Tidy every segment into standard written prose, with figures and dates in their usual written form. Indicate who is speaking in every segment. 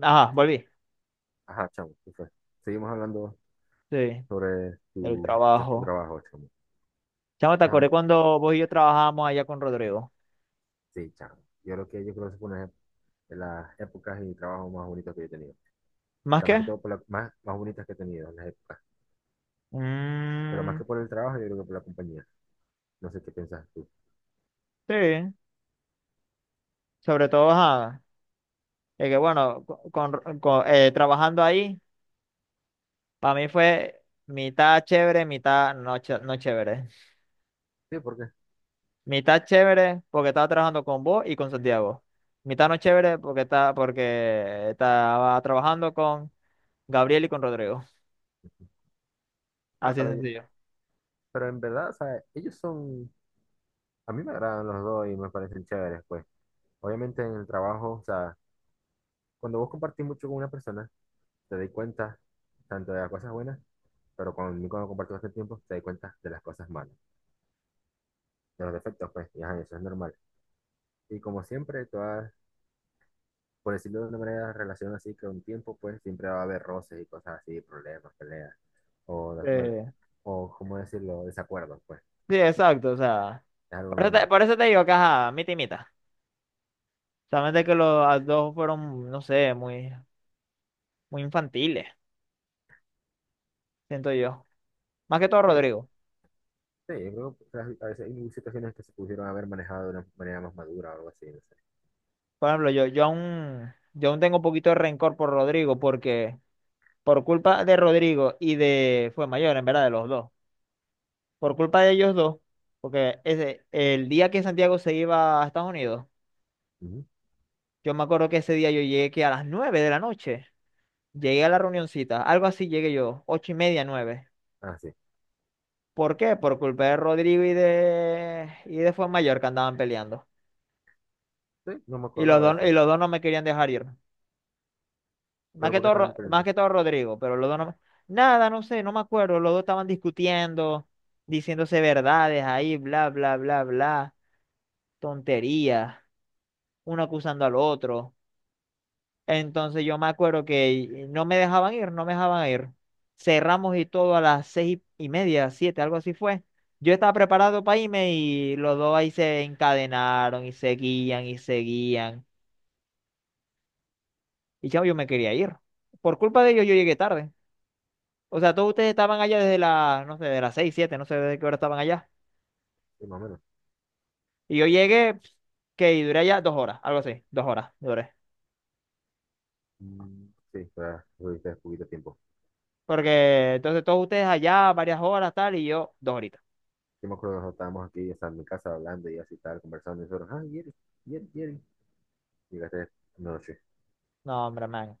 Speaker 1: Ajá, volví.
Speaker 2: Ajá, chamo. Entonces, seguimos hablando
Speaker 1: Sí,
Speaker 2: sobre
Speaker 1: del
Speaker 2: tu
Speaker 1: trabajo.
Speaker 2: trabajo, chamo.
Speaker 1: Chamo, te
Speaker 2: Ajá,
Speaker 1: acordé cuando vos y yo trabajábamos allá con Rodrigo.
Speaker 2: sí, chamo. Yo creo que fue una de las épocas y trabajos más bonitos que yo he tenido. O
Speaker 1: ¿Más
Speaker 2: sea, más que
Speaker 1: qué?
Speaker 2: todo por las más bonitas que he tenido en las épocas. Pero más
Speaker 1: Mm,
Speaker 2: que por el trabajo, yo creo que por la compañía. No sé qué piensas tú.
Speaker 1: sí, sobre todo, ajá. Es que bueno, trabajando ahí, para mí fue mitad chévere, mitad no, ch- no chévere.
Speaker 2: Sí, ¿por qué?
Speaker 1: Mitad chévere porque estaba trabajando con vos y con Santiago. Mitad no chévere porque estaba trabajando con Gabriel y con Rodrigo.
Speaker 2: ah,
Speaker 1: Así de
Speaker 2: pero, yo-
Speaker 1: sencillo.
Speaker 2: pero en verdad, o sea, ellos son, a mí me agradan los dos y me parecen chéveres, pues. Obviamente en el trabajo, o sea, cuando vos compartís mucho con una persona, te das cuenta tanto de las cosas buenas, pero conmigo cuando compartís bastante tiempo, te das cuenta de las cosas malas, de los defectos, pues, y ajá, eso es normal. Y como siempre, todas, por decirlo de una manera, relación así que un tiempo, pues, siempre va a haber roces y cosas así, problemas, peleas, o, de- bueno,
Speaker 1: Eh,
Speaker 2: o ¿cómo decirlo? Desacuerdos, pues,
Speaker 1: sí, exacto, o sea.
Speaker 2: es algo normal.
Speaker 1: Por eso te digo que, ajá, mitad y mitad. Solamente que los dos fueron, no sé, muy infantiles, siento yo. Más que todo
Speaker 2: Sí,
Speaker 1: Rodrigo.
Speaker 2: sí, yo creo que a veces hay situaciones que se pudieron haber manejado de una manera más madura o algo así, no sé.
Speaker 1: Por ejemplo, yo aún tengo un poquito de rencor por Rodrigo porque por culpa de Rodrigo y de, fue mayor, en verdad, de los dos. Por culpa de ellos dos, porque ese, el día que Santiago se iba a Estados Unidos,
Speaker 2: Ujú.
Speaker 1: yo me acuerdo que ese día yo llegué que a las nueve de la noche. Llegué a la reunioncita, algo así llegué yo, ocho y media, nueve.
Speaker 2: Ah, sí,
Speaker 1: ¿Por qué? Por culpa de Rodrigo y de Mayor que andaban peleando.
Speaker 2: sí, no me acordaba de
Speaker 1: Y
Speaker 2: eso,
Speaker 1: los dos no me querían dejar ir.
Speaker 2: pero ¿por qué estaban
Speaker 1: Más
Speaker 2: peleando?
Speaker 1: que todo Rodrigo, pero los dos no me. Nada, no sé, no me acuerdo. Los dos estaban discutiendo, diciéndose verdades ahí, bla, bla, bla, bla. Tonterías, uno acusando al otro. Entonces yo me acuerdo que no me dejaban ir. Cerramos y todo a las seis y media, siete, algo así fue. Yo estaba preparado para irme y los dos ahí se encadenaron y seguían. Y chavo, yo me quería ir. Por culpa de ellos yo llegué tarde. O sea, todos ustedes estaban allá desde las, no sé, de las seis, siete, no sé desde qué hora estaban allá.
Speaker 2: Sí, más o menos.
Speaker 1: Y yo llegué, pf, que y duré allá dos horas, algo así, dos horas duré.
Speaker 2: Mm, sí, para tuviste poquito tiempo.
Speaker 1: Porque entonces todos ustedes allá varias horas, tal, y yo dos horitas.
Speaker 2: Yo me acuerdo que estábamos aquí, o sea, en mi casa hablando y así, tal, conversando, y nosotros, ah, Yeri, Yeri. Llegaste noche.
Speaker 1: No, hombre, man.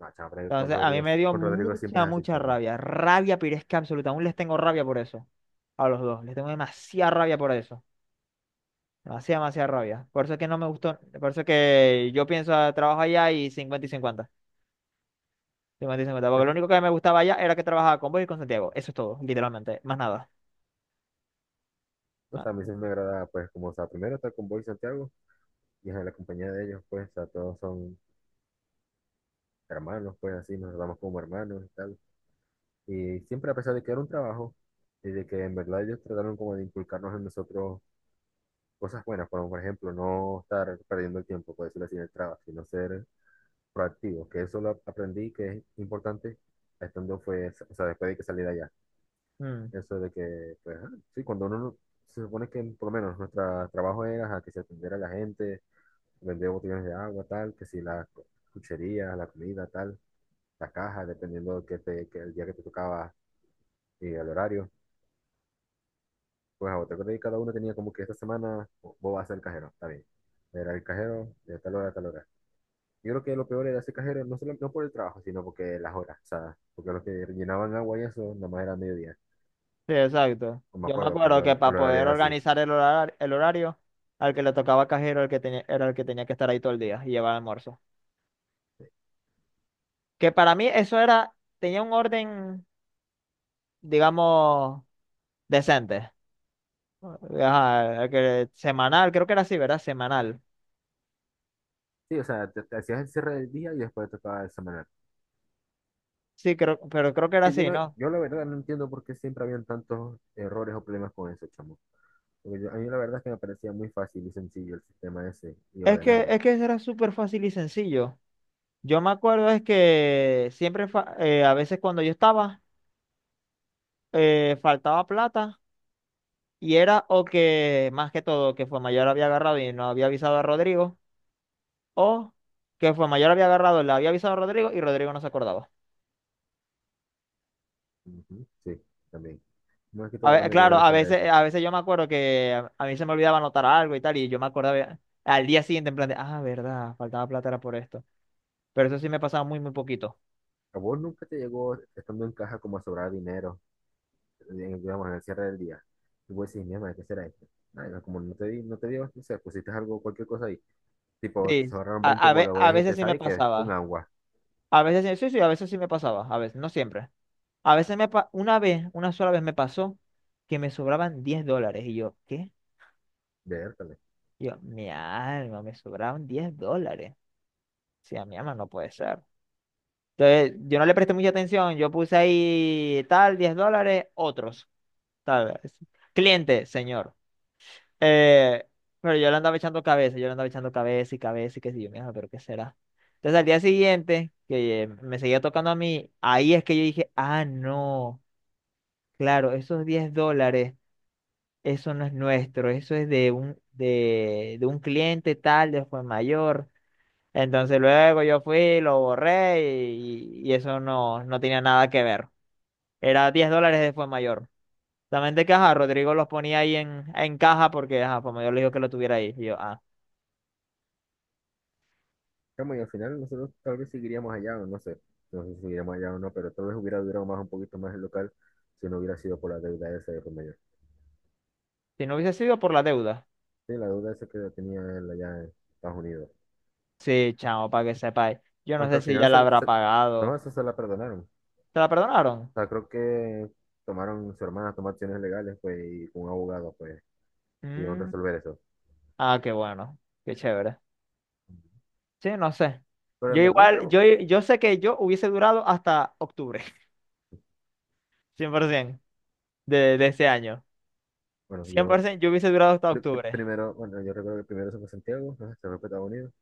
Speaker 2: No, chamo,
Speaker 1: Entonces, a mí me dio
Speaker 2: Con Rodrigo siempre es así,
Speaker 1: mucha
Speaker 2: chamo.
Speaker 1: rabia. Rabia, pero es que absoluta. Aún les tengo rabia por eso. A los dos. Les tengo demasiada rabia por eso. Demasiada rabia. Por eso es que no me gustó. Por eso es que yo pienso a trabajo allá y 50, 50 y 50.
Speaker 2: Sí.
Speaker 1: Porque lo único que me gustaba allá era que trabajaba con vos y con Santiago. Eso es todo, literalmente. Más nada.
Speaker 2: O sea, a
Speaker 1: Ah,
Speaker 2: mí sí me agrada, pues, como, o sea, primero estar con Boy y Santiago y en la compañía de ellos, pues, o sea, todos son hermanos, pues, así, nos tratamos como hermanos y tal. Y siempre, a pesar de que era un trabajo y de que en verdad ellos trataron como de inculcarnos en nosotros cosas buenas, como, por ejemplo, no estar perdiendo el tiempo, por decirlo así, en el trabajo, sino ser proactivo, que eso lo aprendí que es importante estando, fue, o sea, después de que salí de allá.
Speaker 1: mm.
Speaker 2: Eso de que, pues, ah, sí, cuando uno no- se supone que por lo menos nuestro trabajo era a que se atendiera a la gente, vender botellones de agua, tal, que si las cucherías, la comida, tal, las cajas dependiendo que te, que el día que te tocaba y el horario. Pues a otra cosa, y cada uno tenía como que esta semana vos vas a ser el cajero, está bien. Era el cajero de tal hora a tal hora. Yo creo que lo peor era ser cajero, no solo no por el trabajo, sino porque las horas, o sea, porque los que llenaban agua y eso, nada más era mediodía.
Speaker 1: Sí, exacto.
Speaker 2: No me
Speaker 1: Yo me
Speaker 2: acuerdo
Speaker 1: acuerdo
Speaker 2: cuando
Speaker 1: que
Speaker 2: el
Speaker 1: para
Speaker 2: el horario
Speaker 1: poder
Speaker 2: era así.
Speaker 1: organizar el horario, al que le tocaba cajero, era el que tenía que estar ahí todo el día y llevar almuerzo. Que para mí eso era, tenía un orden, digamos, decente. Ajá, que semanal, creo que era así, ¿verdad? Semanal.
Speaker 2: Sí, o sea, te hacías el cierre del día y después te tocaba examinar.
Speaker 1: Sí, creo, pero creo que era
Speaker 2: Que yo,
Speaker 1: así,
Speaker 2: no,
Speaker 1: ¿no?
Speaker 2: yo la verdad no entiendo por qué siempre habían tantos errores o problemas con eso, chamo. A mí la verdad es que me parecía muy fácil y sencillo el sistema ese y ordenado.
Speaker 1: Es que era súper fácil y sencillo. Yo me acuerdo es que siempre, a veces cuando yo estaba, faltaba plata y era o que, más que todo, que Mayor había agarrado y no había avisado a Rodrigo, o que Mayor había agarrado, le había avisado a Rodrigo y Rodrigo no se acordaba.
Speaker 2: Ujú, sí, también. Más que todo, la mayoría de
Speaker 1: Claro,
Speaker 2: las veces era eso.
Speaker 1: a veces yo me acuerdo que a mí se me olvidaba anotar algo y tal, y yo me acordaba al día siguiente en plan de, ah, verdad, faltaba plata era por esto. Pero eso sí me pasaba muy poquito.
Speaker 2: ¿A vos nunca te llegó, estando en caja, como a sobrar dinero, digamos, en el cierre del día? Y vos decís, mierda, ¿qué será esto? Nada, como no te dio, no sé, pusiste algo, cualquier cosa ahí. Tipo, te
Speaker 1: Sí,
Speaker 2: sobraron 20 bolos, vos
Speaker 1: a veces
Speaker 2: dijiste,
Speaker 1: sí me
Speaker 2: ¿sabes qué? Un
Speaker 1: pasaba.
Speaker 2: agua.
Speaker 1: A veces sí, a veces sí me pasaba, a veces, no siempre. A veces me pa- una vez, una sola vez me pasó que me sobraban diez dólares. Y yo, ¿qué?
Speaker 2: Vértale.
Speaker 1: Y yo, mi alma, me sobraban 10 dólares. Sí, a mi alma no puede ser. Entonces, yo no le presté mucha atención, yo puse ahí tal, 10 dólares, otros. Tal vez. Cliente, señor. Eh, pero yo le andaba echando cabeza, yo le andaba echando cabeza y qué sé yo, mija, pero qué será. Entonces al día siguiente, que me seguía tocando a mí, ahí es que yo dije, ah, no, claro, esos 10 dólares, eso no es nuestro, eso es de un cliente tal, después mayor. Entonces luego yo fui, lo borré y eso no, no tenía nada que ver. Era 10 dólares de fue mayor. Solamente que, ajá, Rodrigo los ponía ahí en caja porque, ajá, como yo le digo que lo tuviera ahí. Y yo, ah,
Speaker 2: Chamo, y al final nosotros tal vez seguiríamos allá, o no sé, no sé si seguiríamos allá o no, pero tal vez hubiera durado más un poquito más el local si no hubiera sido por la deuda esa de por medio.
Speaker 1: si no hubiese sido por la deuda.
Speaker 2: Sí, la deuda esa que tenía él allá en Estados Unidos.
Speaker 1: Sí, chamo, para que sepáis. Yo no
Speaker 2: Aunque
Speaker 1: sé
Speaker 2: al
Speaker 1: si ya
Speaker 2: final
Speaker 1: la habrá
Speaker 2: no,
Speaker 1: pagado.
Speaker 2: eso se la perdonaron. O
Speaker 1: ¿Te la perdonaron?
Speaker 2: sea, creo que tomaron, su hermana tomó acciones legales, pues, y con un abogado, pues, pudieron
Speaker 1: Mm,
Speaker 2: resolver eso.
Speaker 1: ah, qué bueno, qué chévere. Sí, no sé.
Speaker 2: Pero
Speaker 1: Yo
Speaker 2: en verdad,
Speaker 1: igual,
Speaker 2: pero,
Speaker 1: yo sé que yo hubiese durado hasta octubre, 100% de ese año.
Speaker 2: bueno, yo
Speaker 1: 100% yo hubiese durado hasta octubre.
Speaker 2: primero, bueno, yo recuerdo que primero se fue Santiago, ¿no? Se fue a Estados Unidos,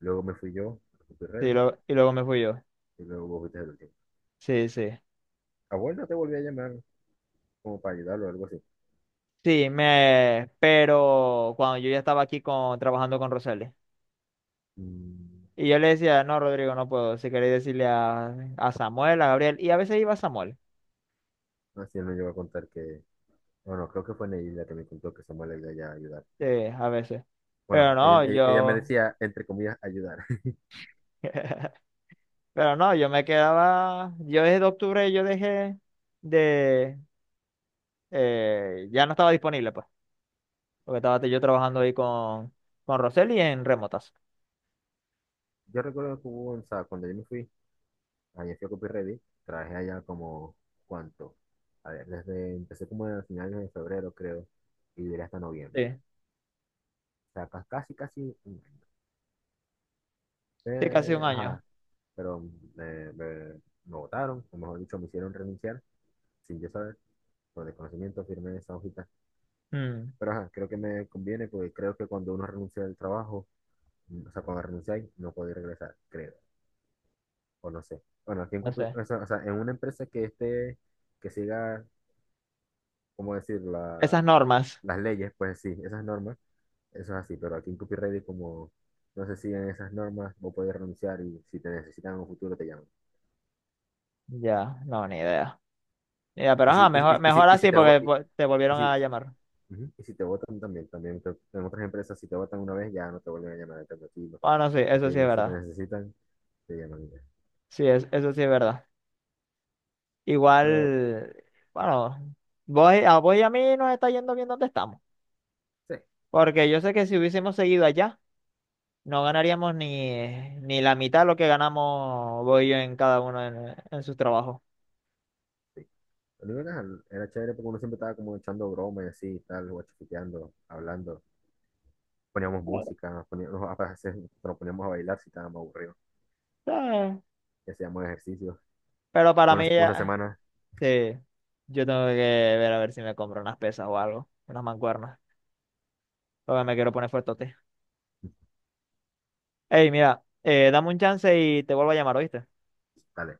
Speaker 2: luego me fui yo, fui
Speaker 1: Sí,
Speaker 2: Reddy,
Speaker 1: lo- y luego me fui yo.
Speaker 2: y luego vos fuiste el último.
Speaker 1: Sí, sí.
Speaker 2: Abuelo, te volví a llamar, como para ayudarlo o algo así.
Speaker 1: Sí, me, pero cuando yo ya estaba aquí con, trabajando con Roseli.
Speaker 2: Mm,
Speaker 1: Y yo le decía, no, Rodrigo, no puedo. Si queréis decirle a Samuel, a Gabriel. Y a veces iba Samuel.
Speaker 2: así él me llegó a contar que, bueno, creo que fue Neila que me contó que Samuel le iba a ayudar.
Speaker 1: Sí, a veces. Pero
Speaker 2: Bueno, ella,
Speaker 1: no,
Speaker 2: ella, ella me
Speaker 1: yo.
Speaker 2: decía, entre comillas, ayudar.
Speaker 1: Pero no, yo me quedaba. Yo desde octubre yo dejé de. Eh, ya no estaba disponible, pues. Porque estaba yo trabajando ahí con Roseli en remotas.
Speaker 2: Yo recuerdo que hubo, o sea, cuando yo me fui, allá fui a Copy Ready, traje allá como, ¿cuánto? A ver, desde, empecé como a finales de febrero, creo, y duré hasta noviembre.
Speaker 1: Sí.
Speaker 2: O sea, casi, casi un año.
Speaker 1: Sí, casi un año.
Speaker 2: Ajá, pero me, me, me votaron, o mejor dicho, me hicieron renunciar, sin yo saber, por desconocimiento firmé esa hojita.
Speaker 1: Mm,
Speaker 2: Pero ajá, creo que me conviene porque creo que cuando uno renuncia del trabajo, mm, o sea, cuando renunciáis, no podéis regresar, creo, o no sé. Bueno, aquí en,
Speaker 1: no sé.
Speaker 2: O sea, en una empresa que esté, que siga, ¿cómo decir?
Speaker 1: Esas
Speaker 2: La,
Speaker 1: normas.
Speaker 2: las leyes, pues sí, esas normas, eso es así, pero aquí en copyright es como no se siguen esas normas, vos podés renunciar y si te necesitan en un futuro te llaman.
Speaker 1: Ya, no, ni idea. Ya pero ajá, mejor
Speaker 2: Y si
Speaker 1: así
Speaker 2: te, vo-
Speaker 1: porque pues, te
Speaker 2: y
Speaker 1: volvieron
Speaker 2: si,
Speaker 1: a llamar.
Speaker 2: ujú, y si te votan también, en otras empresas, si te votan una vez, ya no te vuelven a llamar, te tranquilo.
Speaker 1: Bueno, sí,
Speaker 2: Aquí
Speaker 1: eso sí es
Speaker 2: si te
Speaker 1: verdad.
Speaker 2: necesitan, te llaman.
Speaker 1: Sí, es- eso sí es verdad.
Speaker 2: Pero
Speaker 1: Igual, bueno, vos y a mí nos está yendo bien donde estamos.
Speaker 2: sí.
Speaker 1: Porque yo sé que si hubiésemos seguido allá, no ganaríamos ni, ni la mitad de lo que ganamos vos y yo en cada uno en sus trabajos.
Speaker 2: Sí, lo único que era era chévere porque uno siempre estaba como echando bromas y así, y tal, guachiquiteando, hablando. Poníamos, a veces nos poníamos a bailar si estábamos aburridos.
Speaker 1: Eh,
Speaker 2: Y hacíamos ejercicio.
Speaker 1: Pero para
Speaker 2: Una,
Speaker 1: mí,
Speaker 2: una
Speaker 1: ya-
Speaker 2: semana,
Speaker 1: sí, yo tengo que ver a ver si me compro unas pesas o algo, unas mancuernas. Porque me quiero poner fuertote. Ey, mira, dame un chance y te vuelvo a llamar, ¿oíste?
Speaker 2: dale.